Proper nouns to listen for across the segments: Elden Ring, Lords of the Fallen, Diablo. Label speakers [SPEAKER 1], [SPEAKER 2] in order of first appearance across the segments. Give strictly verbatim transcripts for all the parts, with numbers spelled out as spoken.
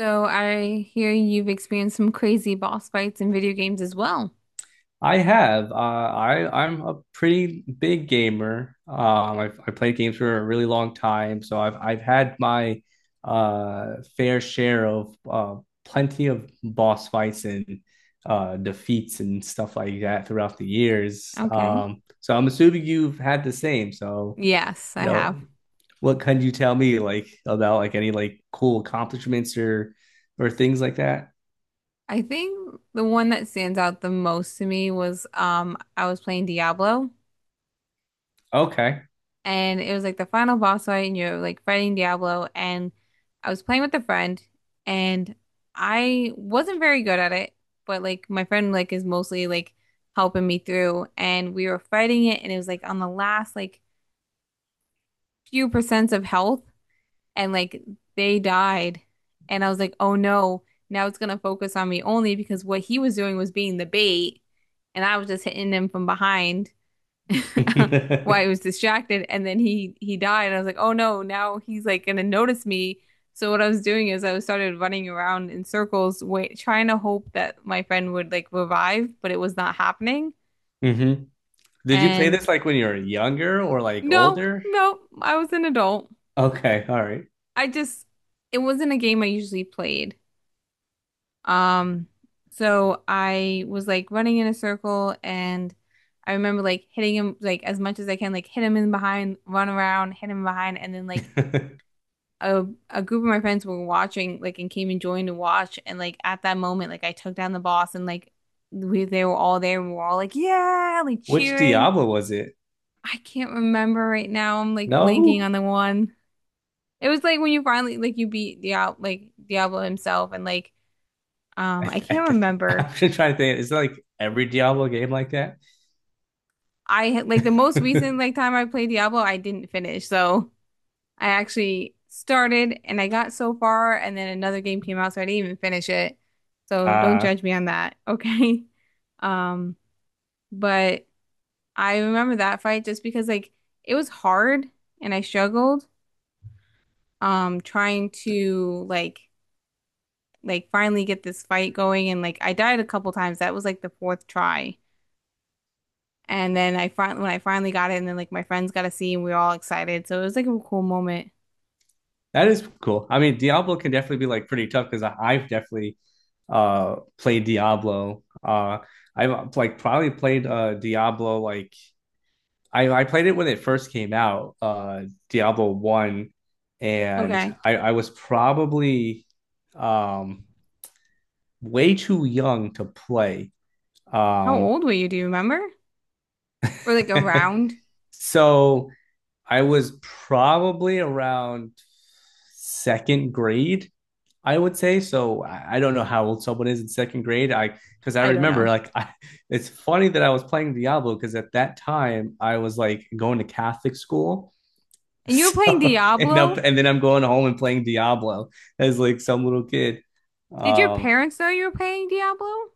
[SPEAKER 1] So I hear you've experienced some crazy boss fights in video games as well.
[SPEAKER 2] I have. Uh, I I'm a pretty big gamer. Um, I've I played games for a really long time, so I've I've had my uh, fair share of uh, plenty of boss fights and uh, defeats and stuff like that throughout the years.
[SPEAKER 1] Okay.
[SPEAKER 2] Um, so I'm assuming you've had the same. So
[SPEAKER 1] Yes,
[SPEAKER 2] you
[SPEAKER 1] I have.
[SPEAKER 2] know, what can you tell me like about like any like cool accomplishments or or things like that?
[SPEAKER 1] I think the one that stands out the most to me was um I was playing Diablo,
[SPEAKER 2] Okay.
[SPEAKER 1] and it was like the final boss fight and you're like fighting Diablo. And I was playing with a friend, and I wasn't very good at it, but like my friend like is mostly like helping me through, and we were fighting it and it was like on the last like few percents of health, and like they died. And I was like, oh no, now it's gonna focus on me only because what he was doing was being the bait, and I was just hitting him from behind while I was distracted. And then he he died. And I was like, oh no, now he's like gonna notice me. So what I was doing is I started running around in circles, wait, trying to hope that my friend would like revive, but it was not happening.
[SPEAKER 2] hmm Did you play
[SPEAKER 1] And
[SPEAKER 2] this like when you were younger or like
[SPEAKER 1] no,
[SPEAKER 2] older?
[SPEAKER 1] no, I was an adult.
[SPEAKER 2] Okay, all right.
[SPEAKER 1] I just it wasn't a game I usually played. Um, so I was like running in a circle, and I remember like hitting him like as much as I can, like hit him in behind, run around, hit him behind, and then like a a group of my friends were watching like and came and joined to watch, and like at that moment like I took down the boss and like we they were all there and we were all like yeah like
[SPEAKER 2] Which
[SPEAKER 1] cheering.
[SPEAKER 2] Diablo was it?
[SPEAKER 1] I can't remember right now. I'm like blanking
[SPEAKER 2] No,
[SPEAKER 1] on the one. It was like when you finally like you beat Diablo like Diablo himself and like
[SPEAKER 2] I
[SPEAKER 1] um I
[SPEAKER 2] th I
[SPEAKER 1] can't
[SPEAKER 2] th
[SPEAKER 1] remember.
[SPEAKER 2] I'm just trying to think. Is it like every Diablo game like that?
[SPEAKER 1] I had like the most recent like time I played Diablo, I didn't finish. So I actually started and I got so far, and then another game came out, so I didn't even finish it. So don't
[SPEAKER 2] Uh,
[SPEAKER 1] judge me on that, okay? Um, but I remember that fight just because like it was hard and I struggled um trying to like like finally get this fight going, and like I died a couple times. That was like the fourth try. And then I fin when I finally got it, and then like my friends got to see, and we were all excited. So it was like a cool moment.
[SPEAKER 2] that is cool. I mean, Diablo can definitely be like pretty tough because I've definitely uh played Diablo. Uh, I've like probably played uh Diablo like I, I played it when it first came out, uh, Diablo one, and
[SPEAKER 1] Okay.
[SPEAKER 2] I, I was probably um, way too young to play.
[SPEAKER 1] How
[SPEAKER 2] Um,
[SPEAKER 1] old were you? Do you remember? Or like around?
[SPEAKER 2] so I was probably around second grade, I would say. So I, I don't know how old someone is in second grade. I because I
[SPEAKER 1] I don't
[SPEAKER 2] remember
[SPEAKER 1] know.
[SPEAKER 2] like I, it's funny that I was playing Diablo because at that time I was like going to Catholic school.
[SPEAKER 1] And you were playing
[SPEAKER 2] So and up
[SPEAKER 1] Diablo?
[SPEAKER 2] and then I'm going home and playing Diablo as like some little kid.
[SPEAKER 1] Did your
[SPEAKER 2] Um,
[SPEAKER 1] parents know you were playing Diablo?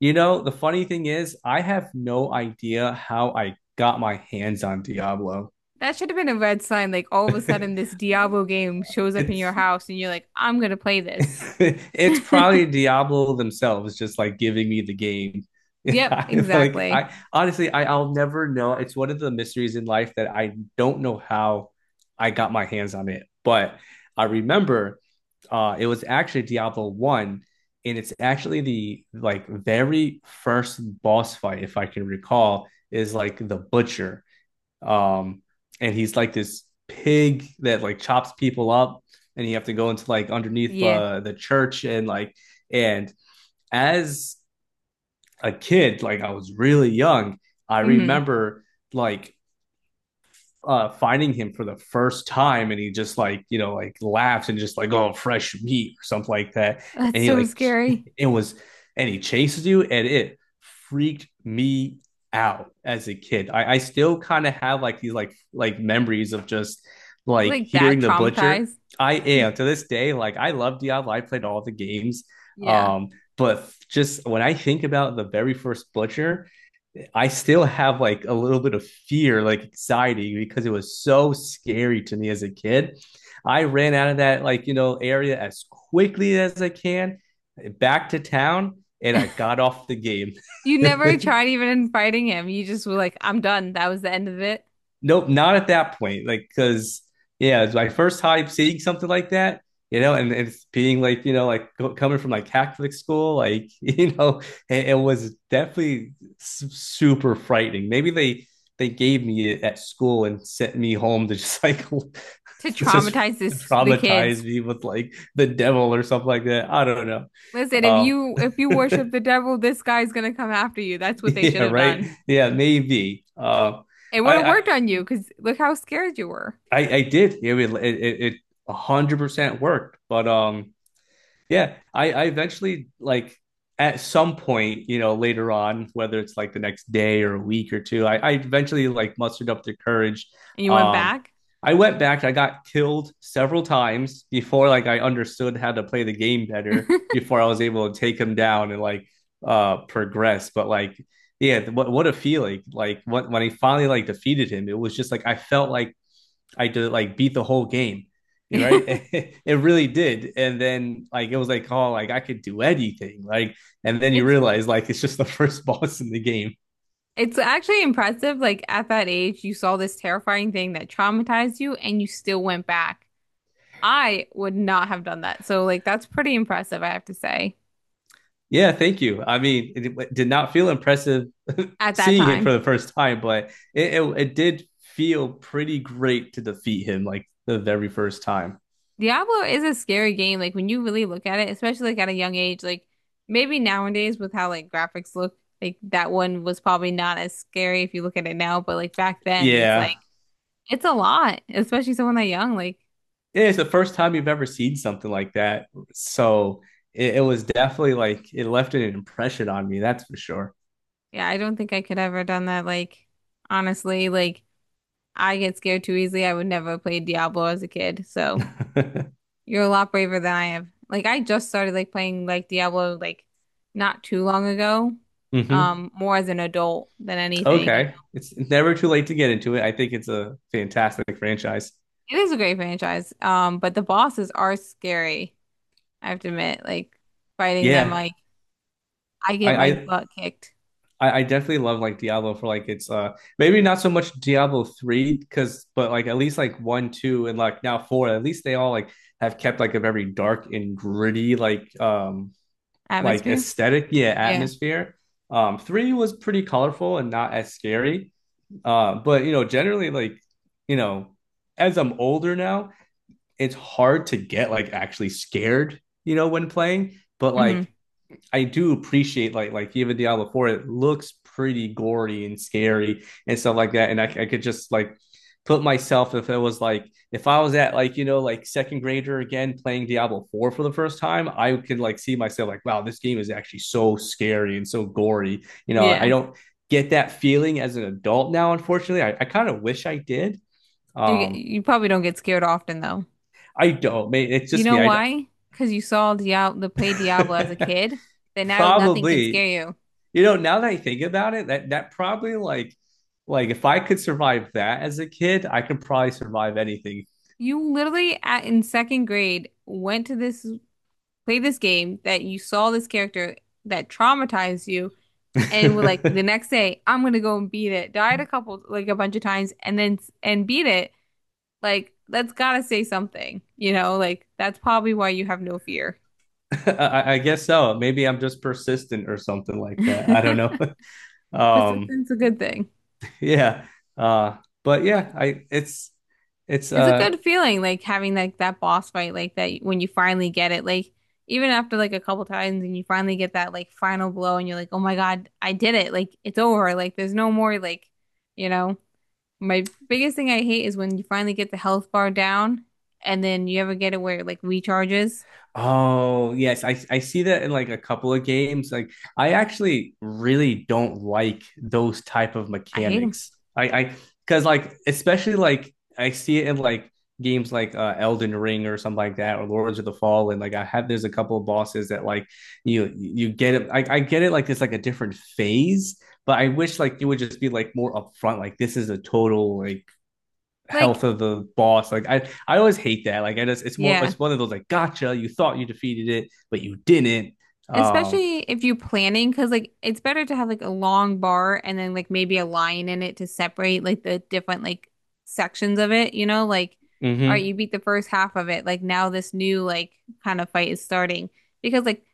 [SPEAKER 2] you know, the funny thing is I have no idea how I got my hands on Diablo.
[SPEAKER 1] That should have been a red sign. Like all of a sudden, this Diablo game shows up in your
[SPEAKER 2] It's
[SPEAKER 1] house, and you're like, "I'm gonna play this."
[SPEAKER 2] it's probably Diablo themselves just like giving me the game.
[SPEAKER 1] Yep,
[SPEAKER 2] I like
[SPEAKER 1] exactly.
[SPEAKER 2] I honestly I, I'll never know. It's one of the mysteries in life that I don't know how I got my hands on it. But I remember uh it was actually Diablo one and it's actually the like very first boss fight if I can recall is like the butcher um and he's like this pig that like chops people up and you have to go into like underneath
[SPEAKER 1] Yeah.
[SPEAKER 2] uh, the church and like and as a kid like I was really young I
[SPEAKER 1] Hmm.
[SPEAKER 2] remember like uh finding him for the first time and he just like you know like laughed and just like oh fresh meat or something like that
[SPEAKER 1] That's
[SPEAKER 2] and he
[SPEAKER 1] so
[SPEAKER 2] like
[SPEAKER 1] scary.
[SPEAKER 2] it was and he chases you and it freaked me out as a kid. I, I still kind of have like these like like memories of just like
[SPEAKER 1] Like that
[SPEAKER 2] hearing the butcher.
[SPEAKER 1] traumatized.
[SPEAKER 2] I am to this day like I love Diablo. I played all the games,
[SPEAKER 1] Yeah.
[SPEAKER 2] um, but just when I think about the very first butcher I still have like a little bit of fear, like anxiety, because it was so scary to me as a kid. I ran out of that like you know area as quickly as I can, back to town, and I got off the game.
[SPEAKER 1] You never tried even fighting him. You just were like, "I'm done." That was the end of it.
[SPEAKER 2] Nope, not at that point. Like, because yeah, it's my first time seeing something like that, you know, and, and it's being like, you know, like co- coming from like Catholic school, like, you know, it, it was definitely su- super frightening. Maybe they they gave me it at school and sent me home to just like
[SPEAKER 1] To
[SPEAKER 2] just
[SPEAKER 1] traumatize this the
[SPEAKER 2] traumatize
[SPEAKER 1] kids.
[SPEAKER 2] me with like the devil or something like that. I don't know.
[SPEAKER 1] Listen, if you if you worship
[SPEAKER 2] Um,
[SPEAKER 1] the devil, this guy's gonna come after you. That's what they should
[SPEAKER 2] yeah,
[SPEAKER 1] have
[SPEAKER 2] right.
[SPEAKER 1] done.
[SPEAKER 2] Yeah, maybe. Um,
[SPEAKER 1] It would
[SPEAKER 2] I,
[SPEAKER 1] have
[SPEAKER 2] I
[SPEAKER 1] worked on you because look how scared you were,
[SPEAKER 2] I, I did. It would- it it it a hundred percent worked. But um yeah, I I eventually like at some point, you know, later on, whether it's like the next day or a week or two, I, I eventually like mustered up the courage.
[SPEAKER 1] and you went
[SPEAKER 2] Um,
[SPEAKER 1] back.
[SPEAKER 2] I went back, I got killed several times before like I understood how to play the game better, before I was able to take him down and like uh progress. But like yeah, what what a feeling. Like what when I finally like defeated him, it was just like I felt like I did like beat the whole game, you know, right? It really did. And then like it was like, oh, like I could do anything, like. And then you
[SPEAKER 1] It's
[SPEAKER 2] realize like it's just the first boss in the game.
[SPEAKER 1] it's actually impressive. Like at that age, you saw this terrifying thing that traumatized you and you still went back. I would not have done that. So like that's pretty impressive, I have to say,
[SPEAKER 2] Yeah, thank you. I mean, it, it did not feel impressive
[SPEAKER 1] at that
[SPEAKER 2] seeing him
[SPEAKER 1] time.
[SPEAKER 2] for the first time, but it, it it did feel pretty great to defeat him like the very first time.
[SPEAKER 1] Diablo is a scary game. Like when you really look at it, especially like at a young age, like maybe nowadays with how like graphics look, like that one was probably not as scary if you look at it now, but like back then it's
[SPEAKER 2] Yeah,
[SPEAKER 1] like it's a lot, especially someone that young. Like,
[SPEAKER 2] Yeah, it's the first time you've ever seen something like that, so it, it was definitely like it left an impression on me. That's for sure.
[SPEAKER 1] yeah, I don't think I could ever done that, like honestly, like I get scared too easily. I would never play Diablo as a kid. So you're a lot braver than I am. Like I just started like playing like Diablo like not too long ago.
[SPEAKER 2] mm-hmm.
[SPEAKER 1] Um, more as an adult than anything, you
[SPEAKER 2] Okay.
[SPEAKER 1] know.
[SPEAKER 2] It's never too late to get into it. I think it's a fantastic franchise.
[SPEAKER 1] It is a great franchise. Um, but the bosses are scary, I have to admit. Like fighting them,
[SPEAKER 2] Yeah.
[SPEAKER 1] like I get
[SPEAKER 2] I
[SPEAKER 1] my
[SPEAKER 2] I
[SPEAKER 1] butt kicked.
[SPEAKER 2] I definitely love like Diablo for like it's uh maybe not so much Diablo three because but like at least like one, two and like now four at least they all like have kept like a very dark and gritty like um like
[SPEAKER 1] Atmosphere?
[SPEAKER 2] aesthetic yeah
[SPEAKER 1] Yeah.
[SPEAKER 2] atmosphere. Um, three was pretty colorful and not as scary. Uh but you know generally like you know as I'm older now it's hard to get like actually scared, you know, when playing. But
[SPEAKER 1] Hmm.
[SPEAKER 2] like I do appreciate like like even Diablo Four, it looks pretty gory and scary and stuff like that. And I, I could just like put myself if it was like if I was at like you know like second grader again playing Diablo four for the first time I could like see myself like wow this game is actually so scary and so gory you know I
[SPEAKER 1] Yeah.
[SPEAKER 2] don't get that feeling as an adult now unfortunately I, I kind of wish I did.
[SPEAKER 1] Do you get,
[SPEAKER 2] um
[SPEAKER 1] you probably don't get scared often though.
[SPEAKER 2] I don't, it's
[SPEAKER 1] You
[SPEAKER 2] just
[SPEAKER 1] know
[SPEAKER 2] me I,
[SPEAKER 1] why? Because you saw Diablo, the play Diablo as a kid, that now nothing can scare
[SPEAKER 2] Probably.
[SPEAKER 1] you.
[SPEAKER 2] You know, now that I think about it, that that probably like like if I could survive that as a kid, I could probably survive anything.
[SPEAKER 1] You literally at, in second grade went to this play this game that you saw this character that traumatized you and were like the
[SPEAKER 2] I,
[SPEAKER 1] next day I'm gonna go and beat it. Died a couple like a bunch of times and then and beat it. Like that's gotta say something, you know? Like that's probably why you have no fear.
[SPEAKER 2] I guess so. Maybe I'm just persistent or something like that. I don't know. Um,
[SPEAKER 1] Persistence is a good thing.
[SPEAKER 2] yeah. Uh, but
[SPEAKER 1] But
[SPEAKER 2] yeah, I it's it's
[SPEAKER 1] it's a
[SPEAKER 2] uh
[SPEAKER 1] good feeling, like having like that boss fight, like that when you finally get it, like even after like a couple times and you finally get that like final blow and you're like, oh my God, I did it. Like it's over. Like there's no more like, you know, my biggest thing I hate is when you finally get the health bar down and then you ever get it where it like recharges.
[SPEAKER 2] oh, yes. I, I see that in like a couple of games. Like I actually really don't like those type of
[SPEAKER 1] I hate them.
[SPEAKER 2] mechanics. I I because like especially like I see it in like games like uh, Elden Ring or something like that or Lords of the Fallen. Like I have there's a couple of bosses that like you you get it. I, I get it, like it's like a different phase, but I wish like it would just be like more upfront. Like this is a total like
[SPEAKER 1] Like,
[SPEAKER 2] health of the boss. Like I, I always hate that. Like I just, it's more,
[SPEAKER 1] yeah.
[SPEAKER 2] it's one of those like, gotcha. You thought you defeated it, but you didn't. Um,
[SPEAKER 1] Especially if you're planning, because like it's better to have like a long bar and then like maybe a line in it to separate like the different like sections of it, you know? Like, all right,
[SPEAKER 2] mm-hmm.
[SPEAKER 1] you beat the first half of it. Like now this new like kind of fight is starting. Because like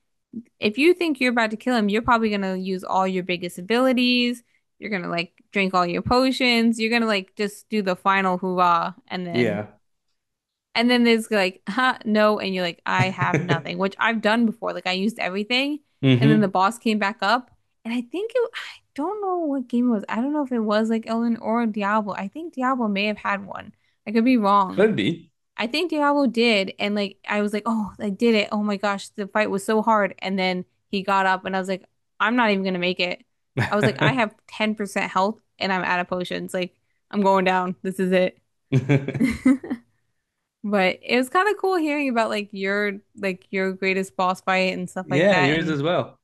[SPEAKER 1] if you think you're about to kill him, you're probably gonna use all your biggest abilities. You're gonna like drink all your potions. You're gonna like just do the final hoorah, and then
[SPEAKER 2] Yeah.
[SPEAKER 1] and then there's like, huh, no. And you're like, I have nothing, which I've done before. Like I used everything. And then the
[SPEAKER 2] mm-hmm.
[SPEAKER 1] boss came back up. And I think it, I don't know what game it was. I don't know if it was like Ellen or Diablo. I think Diablo may have had one. I could be wrong.
[SPEAKER 2] Could be.
[SPEAKER 1] I think Diablo did. And like, I was like, oh, I did it. Oh my gosh, the fight was so hard. And then he got up and I was like, I'm not even gonna make it. I was like, I
[SPEAKER 2] Yeah,
[SPEAKER 1] have ten percent health and I'm out of potions. Like, I'm going down. This is it. But it was kind of cool hearing about like your like your greatest boss fight and stuff like that.
[SPEAKER 2] yours
[SPEAKER 1] And
[SPEAKER 2] as well.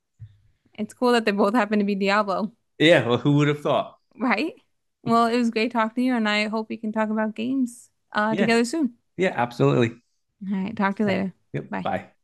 [SPEAKER 1] it's cool that they both happen to be Diablo,
[SPEAKER 2] Yeah. Well, who would have thought?
[SPEAKER 1] right? Well, it was great talking to you, and I hope we can talk about games uh
[SPEAKER 2] Yeah.
[SPEAKER 1] together soon.
[SPEAKER 2] Yeah. Absolutely.
[SPEAKER 1] All right, talk to you
[SPEAKER 2] Okay.
[SPEAKER 1] later.
[SPEAKER 2] Yep.
[SPEAKER 1] Bye.
[SPEAKER 2] Bye.